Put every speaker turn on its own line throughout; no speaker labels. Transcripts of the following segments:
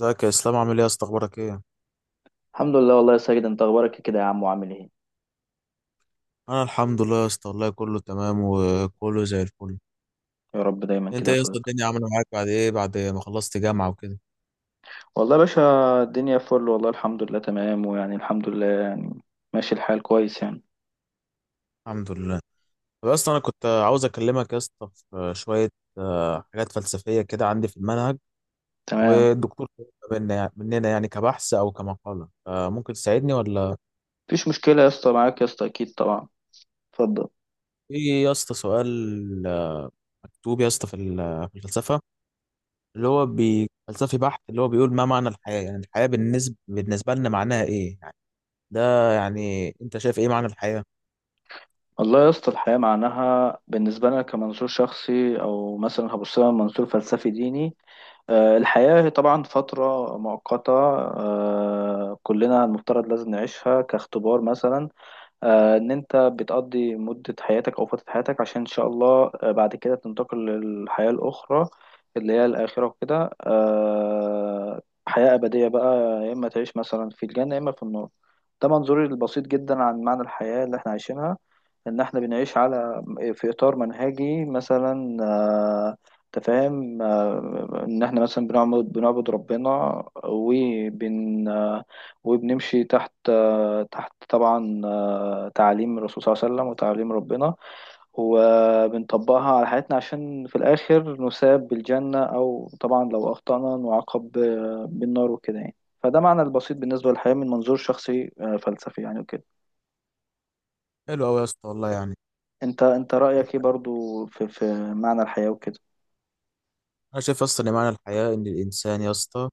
ازيك يا اسلام؟ عامل ايه يا اسطى؟ اخبارك ايه؟
الحمد لله، والله يا ساجد. انت اخبارك كده يا عم؟ وعامل ايه؟
انا الحمد لله يا اسطى والله كله تمام وكله زي الفل.
يا رب دايما
انت
كده يا
ايه يا اسطى،
صديقي.
الدنيا عامله معاك بعد ايه، بعد ما خلصت جامعه وكده؟
والله يا باشا. الدنيا فل والله، الحمد لله، تمام، ويعني الحمد لله يعني. ماشي الحال كويس يعني.
الحمد لله. طب يا اسطى انا كنت عاوز اكلمك يا اسطى في شويه حاجات فلسفيه كده عندي في المنهج.
تمام،
والدكتور طلبها مننا يعني كبحث او كمقاله، ممكن تساعدني ولا؟
مفيش مشكلة يا اسطى. معاك يا اسطى اكيد طبعا. اتفضل.
في يا اسطى سؤال، مكتوب يا اسطى في الفلسفه، اللي هو فلسفي بحت، اللي هو بيقول ما معنى الحياه؟ يعني الحياه بالنسبه لنا معناها ايه؟ ده يعني انت شايف ايه معنى الحياة؟
والله يا اسطى، الحياة معناها بالنسبة لنا كمنظور شخصي، او مثلا هبص لها من منظور فلسفي ديني. الحياة هي طبعا فترة مؤقتة. كلنا المفترض لازم نعيشها كاختبار مثلا. ان انت بتقضي مدة حياتك او فترة حياتك، عشان ان شاء الله بعد كده تنتقل للحياة الاخرى اللي هي الاخرة وكده. حياة ابدية بقى، يا اما تعيش مثلا في الجنة، يا اما في النار. ده منظوري البسيط جدا عن معنى الحياة اللي احنا عايشينها، ان احنا بنعيش على، في اطار منهجي مثلا، تفاهم. ان احنا مثلا بنعبد ربنا، وبن آه، وبنمشي تحت طبعا تعاليم الرسول صلى الله عليه وسلم وتعاليم ربنا، وبنطبقها على حياتنا عشان في الاخر نثاب بالجنة، او طبعا لو اخطأنا نعاقب بالنار وكده يعني. فده معنى البسيط بالنسبة للحياة من منظور شخصي فلسفي يعني وكده.
حلو قوي يا اسطى والله يعني.
انت رأيك ايه برضو في معنى الحياة وكده؟
انا شايف اصلا ان معنى الحياة ان الانسان يا اسطى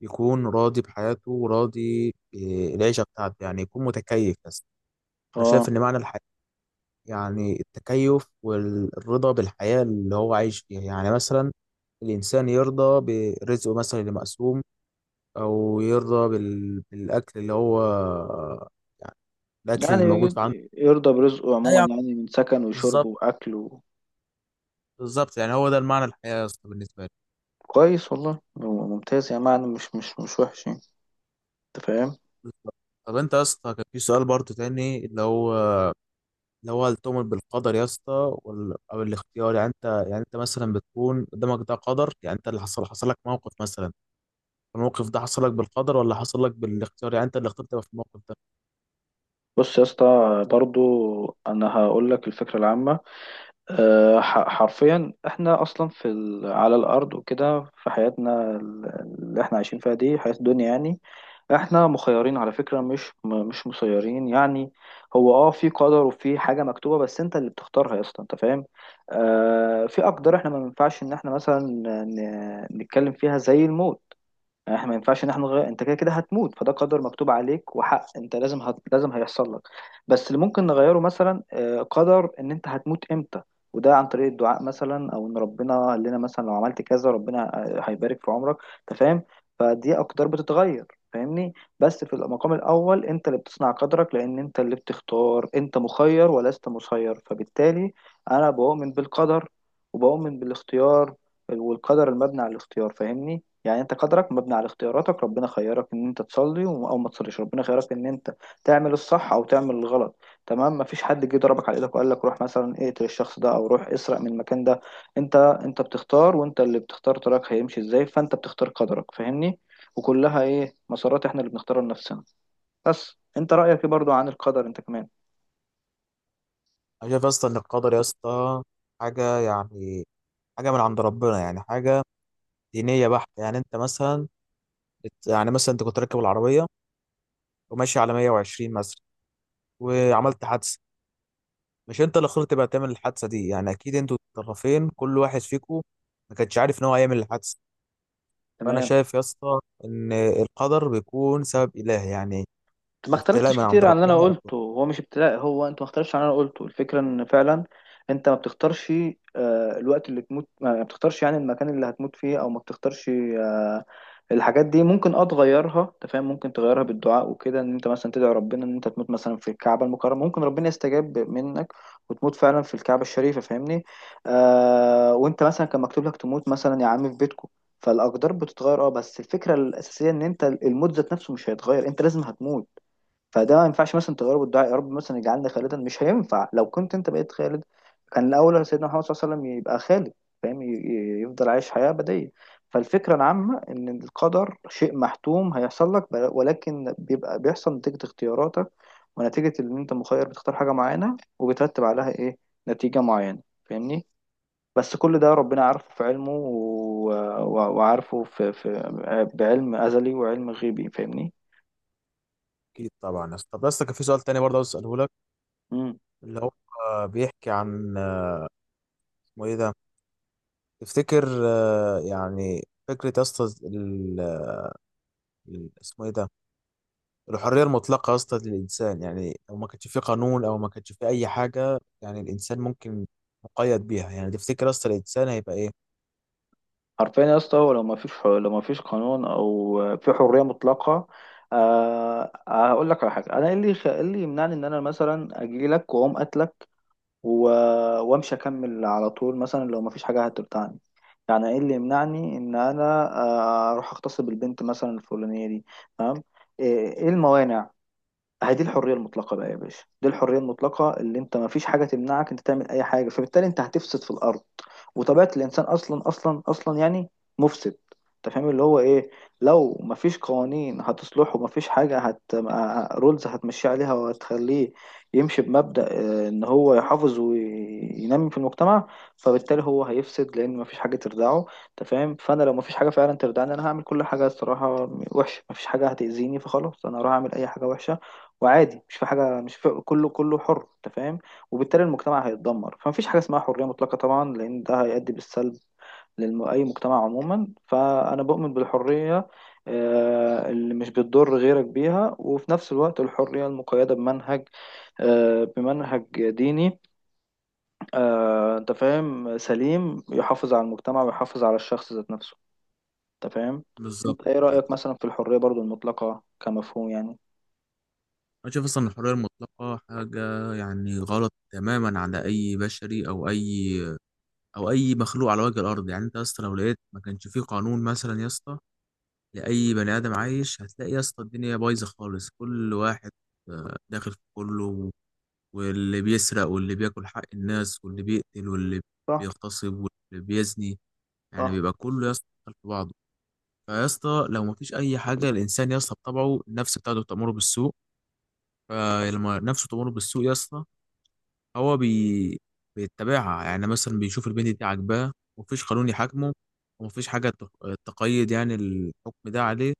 يكون راضي بحياته وراضي بالعيشة بتاعته، يعني يكون متكيف بس. انا
اه.
شايف ان معنى الحياة يعني التكيف والرضا بالحياة اللي هو عايش فيها، يعني مثلا الانسان يرضى برزقه مثلا اللي مقسوم، او يرضى بالاكل اللي هو يعني الاكل اللي موجود
يعني
في عنده.
يرضى برزقه
ده
عموما،
يعني
يعني من سكن وشرب
بالظبط.
واكل.
بالظبط، يعني هو ده المعنى الحياة يا اسطى بالنسبة لي.
كويس والله، ممتاز يعني، معنى مش وحش يعني. انت فاهم؟
بالظبط. طب انت يا اسطى كان في سؤال برضه تاني اللي هو، اللي هو التؤمن بالقدر يا اسطى او الاختيار؟ يعني انت، يعني انت مثلا بتكون قدامك ده قدر، يعني انت اللي حصل، حصل لك موقف مثلا، الموقف ده حصل لك بالقدر ولا حصل لك بالاختيار يعني انت اللي اخترت تبقى في الموقف ده؟
بص يا اسطى، برضو انا هقول لك الفكرة العامة. حرفيا احنا اصلا على الارض وكده، في حياتنا اللي احنا عايشين فيها دي حياة الدنيا يعني. احنا مخيرين على فكرة، مش مسيرين يعني. هو في قدر وفي حاجة مكتوبة، بس انت اللي بتختارها يا اسطى. انت فاهم؟ في اقدار احنا ما ينفعش ان احنا مثلا نتكلم فيها، زي الموت. يعني احنا ما ينفعش ان احنا نغير، انت كده كده هتموت، فده قدر مكتوب عليك وحق، انت لازم هيحصل لك. بس اللي ممكن نغيره مثلا قدر ان انت هتموت امتى. وده عن طريق الدعاء مثلا، او ان ربنا قال لنا مثلا لو عملت كذا ربنا هيبارك في عمرك. انت فاهم؟ فدي اقدار بتتغير. فاهمني. بس في المقام الاول انت اللي بتصنع قدرك، لان انت اللي بتختار، انت مخير ولست مسير، فبالتالي انا بؤمن بالقدر وبؤمن بالاختيار، والقدر المبني على الاختيار. فاهمني. يعني انت قدرك مبني على اختياراتك. ربنا خيرك ان انت تصلي او ما تصليش، ربنا خيرك ان انت تعمل الصح او تعمل الغلط. تمام. مفيش حد جه ضربك على ايدك وقال لك روح مثلا اقتل الشخص ده، او روح اسرق من المكان ده. انت بتختار، وانت اللي بتختار طريقك هيمشي ازاي، فانت بتختار قدرك. فاهمني. وكلها ايه، مسارات احنا اللي بنختارها لنفسنا. بس انت رأيك ايه برضو عن القدر انت كمان؟
انا شايف اصلا ان القدر يا اسطى حاجه يعني، حاجه من عند ربنا يعني، حاجه دينيه بحته. يعني انت مثلا يعني مثلا انت كنت راكب العربيه وماشي على 120 مثلا وعملت حادثه، مش انت اللي اخترت بقى تعمل الحادثه دي، يعني اكيد انتوا الطرفين كل واحد فيكم ما كانش عارف ان هو هيعمل الحادثه. فانا
تمام.
شايف يا اسطى ان القدر بيكون سبب الهي يعني،
ما
ابتلاء
اختلفتش
من عند
كتير عن اللي انا
ربنا.
قلته. هو مش ابتلاء، هو انت ما اختلفتش عن اللي انا قلته. الفكره ان فعلا انت ما بتختارش الوقت اللي تموت، ما بتختارش يعني المكان اللي هتموت فيه، او ما بتختارش. الحاجات دي ممكن تغيرها. انت فاهم؟ ممكن تغيرها بالدعاء وكده، ان انت مثلا تدعي ربنا ان انت تموت مثلا في الكعبه المكرمه، ممكن ربنا يستجاب منك وتموت فعلا في الكعبه الشريفه. فاهمني. وانت مثلا كان مكتوب لك تموت مثلا يا عم في بيتكم، فالاقدار بتتغير. اه بس الفكره الاساسيه ان انت الموت ذات نفسه مش هيتغير، انت لازم هتموت. فده ما ينفعش مثلا تغيره بالدعاء، يا رب مثلا اجعلنا خالدا. مش هينفع. لو كنت انت بقيت خالد، كان الاول سيدنا محمد صلى الله عليه وسلم يبقى خالد. فاهم؟ يفضل عايش حياة أبدية. فالفكرة العامة إن القدر شيء محتوم هيحصل لك ولكن بيبقى بيحصل نتيجة اختياراتك، ونتيجة إن أنت مخير، بتختار حاجة معينة وبترتب عليها إيه، نتيجة معينة. فاهمني. بس كل ده ربنا عارفه في علمه وعارفه في بعلم أزلي وعلم غيبي. فاهمني.
اكيد طبعا يا اسطى. طب يا اسطى كان في سؤال تاني برضه عاوز اساله لك، اللي هو بيحكي عن، اسمه ايه ده، تفتكر يعني فكره يا اسطى اسمه ايه ده، الحريه المطلقه يا اسطى للانسان، يعني لو ما كانش في قانون او ما كانش في اي حاجه يعني الانسان ممكن مقيد بيها، يعني تفتكر يا اسطى الانسان هيبقى ايه؟
حرفيا يا اسطى هو لو ما فيش قانون، او في حريه مطلقه، أه آه، هقول لك على حاجه. انا إيه اللي يمنعني ان انا مثلا اجي لك واقوم قاتلك و- وامشي اكمل على طول، مثلا لو ما فيش حاجه هترتعني؟ يعني ايه اللي يمنعني ان انا اروح اغتصب البنت مثلا الفلانيه دي؟ تمام. ايه الموانع؟ اهي دي الحريه المطلقه بقى يا باشا، دي الحريه المطلقه اللي انت ما فيش حاجه تمنعك انت تعمل اي حاجه، فبالتالي انت هتفسد في الارض. وطبيعة الإنسان أصلا أصلا أصلا يعني مفسد. أنت فاهم اللي هو إيه؟ لو مفيش قوانين هتصلحه، مفيش حاجة رولز هتمشي عليها وهتخليه يمشي بمبدأ، إن هو يحافظ وينمي في المجتمع. فبالتالي هو هيفسد، لأن مفيش حاجة تردعه. أنت فاهم؟ فأنا لو مفيش حاجة فعلا تردعني، أنا هعمل كل حاجة الصراحة وحشة. مفيش حاجة هتأذيني، فخلاص أنا هروح أعمل أي حاجة وحشة، وعادي، مش في حاجة، مش في، كله كله حر. أنت فاهم؟ وبالتالي المجتمع هيتدمر، فمفيش حاجة اسمها حرية مطلقة طبعا، لأن ده هيؤدي بالسلب لأي مجتمع عموما. فأنا بؤمن بالحرية اللي مش بتضر غيرك بيها، وفي نفس الوقت الحرية المقيدة بمنهج، بمنهج ديني، أنت فاهم، سليم، يحافظ على المجتمع ويحافظ على الشخص ذات نفسه. أنت فاهم؟
بالظبط.
أنت إيه رأيك مثلا في الحرية برضو المطلقة كمفهوم يعني؟
انا شايف اصلا الحريه المطلقه حاجه يعني غلط تماما على اي بشري او اي، او اي مخلوق على وجه الارض. يعني انت يا اسطى لو لقيت ما كانش فيه قانون مثلا يا اسطى لاي بني ادم عايش، هتلاقي يا اسطى الدنيا بايظه خالص، كل واحد داخل في كله، واللي بيسرق واللي بياكل حق الناس واللي بيقتل واللي
صح.
بيغتصب واللي بيزني، يعني
صح.
بيبقى كله يا اسطى داخل في بعضه. فيا اسطى لو مفيش اي حاجه، الانسان يا اسطى بطبعه النفس بتاعته تأمره بالسوء، فلما نفسه تمر بالسوق يا اسطى هو بي... بيتبعها، يعني مثلا بيشوف البنت دي عاجباه ومفيش قانون يحاكمه ومفيش حاجة تقيد يعني الحكم ده عليه،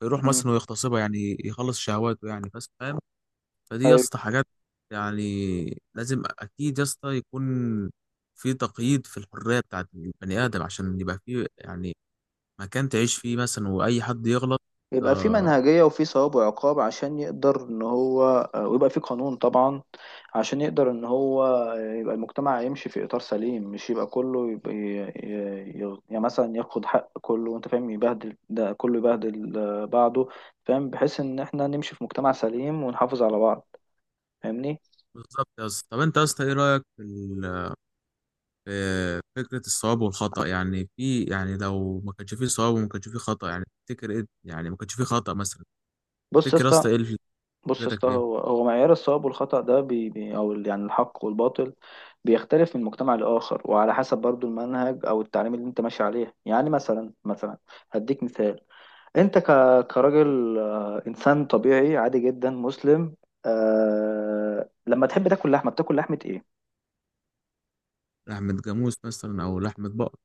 فيروح
مم.
مثلا ويغتصبها يعني يخلص شهواته يعني بس، فاهم؟ فدي يا
أيوة.
اسطى حاجات يعني لازم أكيد يا اسطى يكون في تقييد في الحرية بتاعت البني آدم عشان يبقى في يعني مكان تعيش فيه مثلا، وأي حد يغلط.
يبقى في
آه،
منهجية وفي ثواب وعقاب عشان يقدر ان هو، ويبقى في قانون طبعا عشان يقدر ان هو يبقى المجتمع يمشي في اطار سليم، مش يبقى كله يبقى يعني مثلا ياخد حق كله، وانت فاهم، يبهدل ده، كله يبهدل بعضه. فاهم؟ بحيث ان احنا نمشي في مجتمع سليم ونحافظ على بعض. فاهمني.
بالظبط يا اسطى. طب أنت يا اسطى إيه رأيك في فكرة الصواب والخطأ؟ يعني في، يعني لو ما كانش فيه صواب وما كانش فيه خطأ، يعني تفتكر ايه؟ يعني ما كانش فيه خطأ مثلا،
بص يا
تفتكر يا
اسطى.
اسطى ايه فكرتك ايه؟
هو معيار الصواب والخطأ ده يعني الحق والباطل بيختلف من مجتمع لآخر، وعلى حسب برضو المنهج او التعليم اللي انت ماشي عليه، يعني مثلا هديك مثال. انت ك كراجل، انسان طبيعي عادي جدا مسلم، لما تحب تاكل لحمه، بتاكل لحمه ايه؟
لحمة جاموس مثلا او لحمة بقر.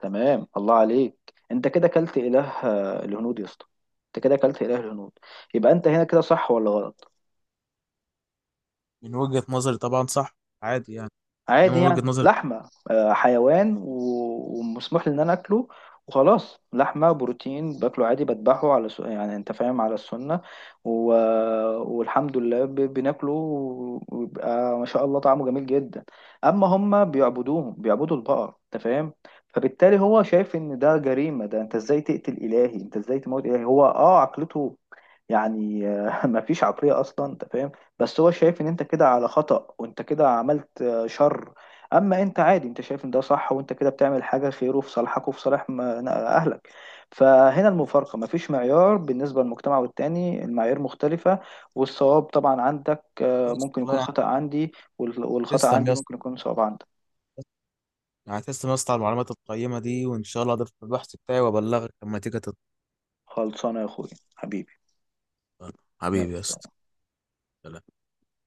تمام، الله عليك. انت كده كلت اله الهنود يا اسطى، انت كده كلت اله الهنود. يبقى انت هنا كده صح ولا غلط؟
من وجهة نظري طبعا صح. عادي يعني. انما
عادي
من وجهة
يعني،
نظري
لحمة حيوان ومسموح لي إن أنا أكله، وخلاص لحمة بروتين باكله عادي، بذبحه على يعني أنت فاهم، على السنة و... والحمد لله بناكله، ويبقى ما شاء الله طعمه جميل جدا. أما هما بيعبدوا البقر. أنت فاهم؟ فبالتالي هو شايف إن ده جريمة، ده أنت إزاي تموت إلهي؟ هو عقلته يعني، ما فيش عقلية أصلا. أنت فاهم؟ بس هو شايف إن أنت كده على خطأ، وأنت كده عملت شر. اما انت عادي، انت شايف ان ده صح، وانت كده بتعمل حاجه خير وفي صالحك وفي صالح اهلك. فهنا المفارقه، مفيش معيار، بالنسبه للمجتمع والتاني المعايير مختلفه. والصواب طبعا عندك ممكن
والله
يكون
يعني.
خطأ عندي، والخطأ
تسلم يا
عندي
اسطى،
ممكن يكون صواب عندك.
يعني تسلم يا اسطى على المعلومات القيمة دي، وان شاء الله اضيفها في البحث بتاعي وابلغك لما تيجي تطلع.
خلصانه يا اخويا. حبيبي. يلا
حبيبي يا اسطى.
سلام.
سلام.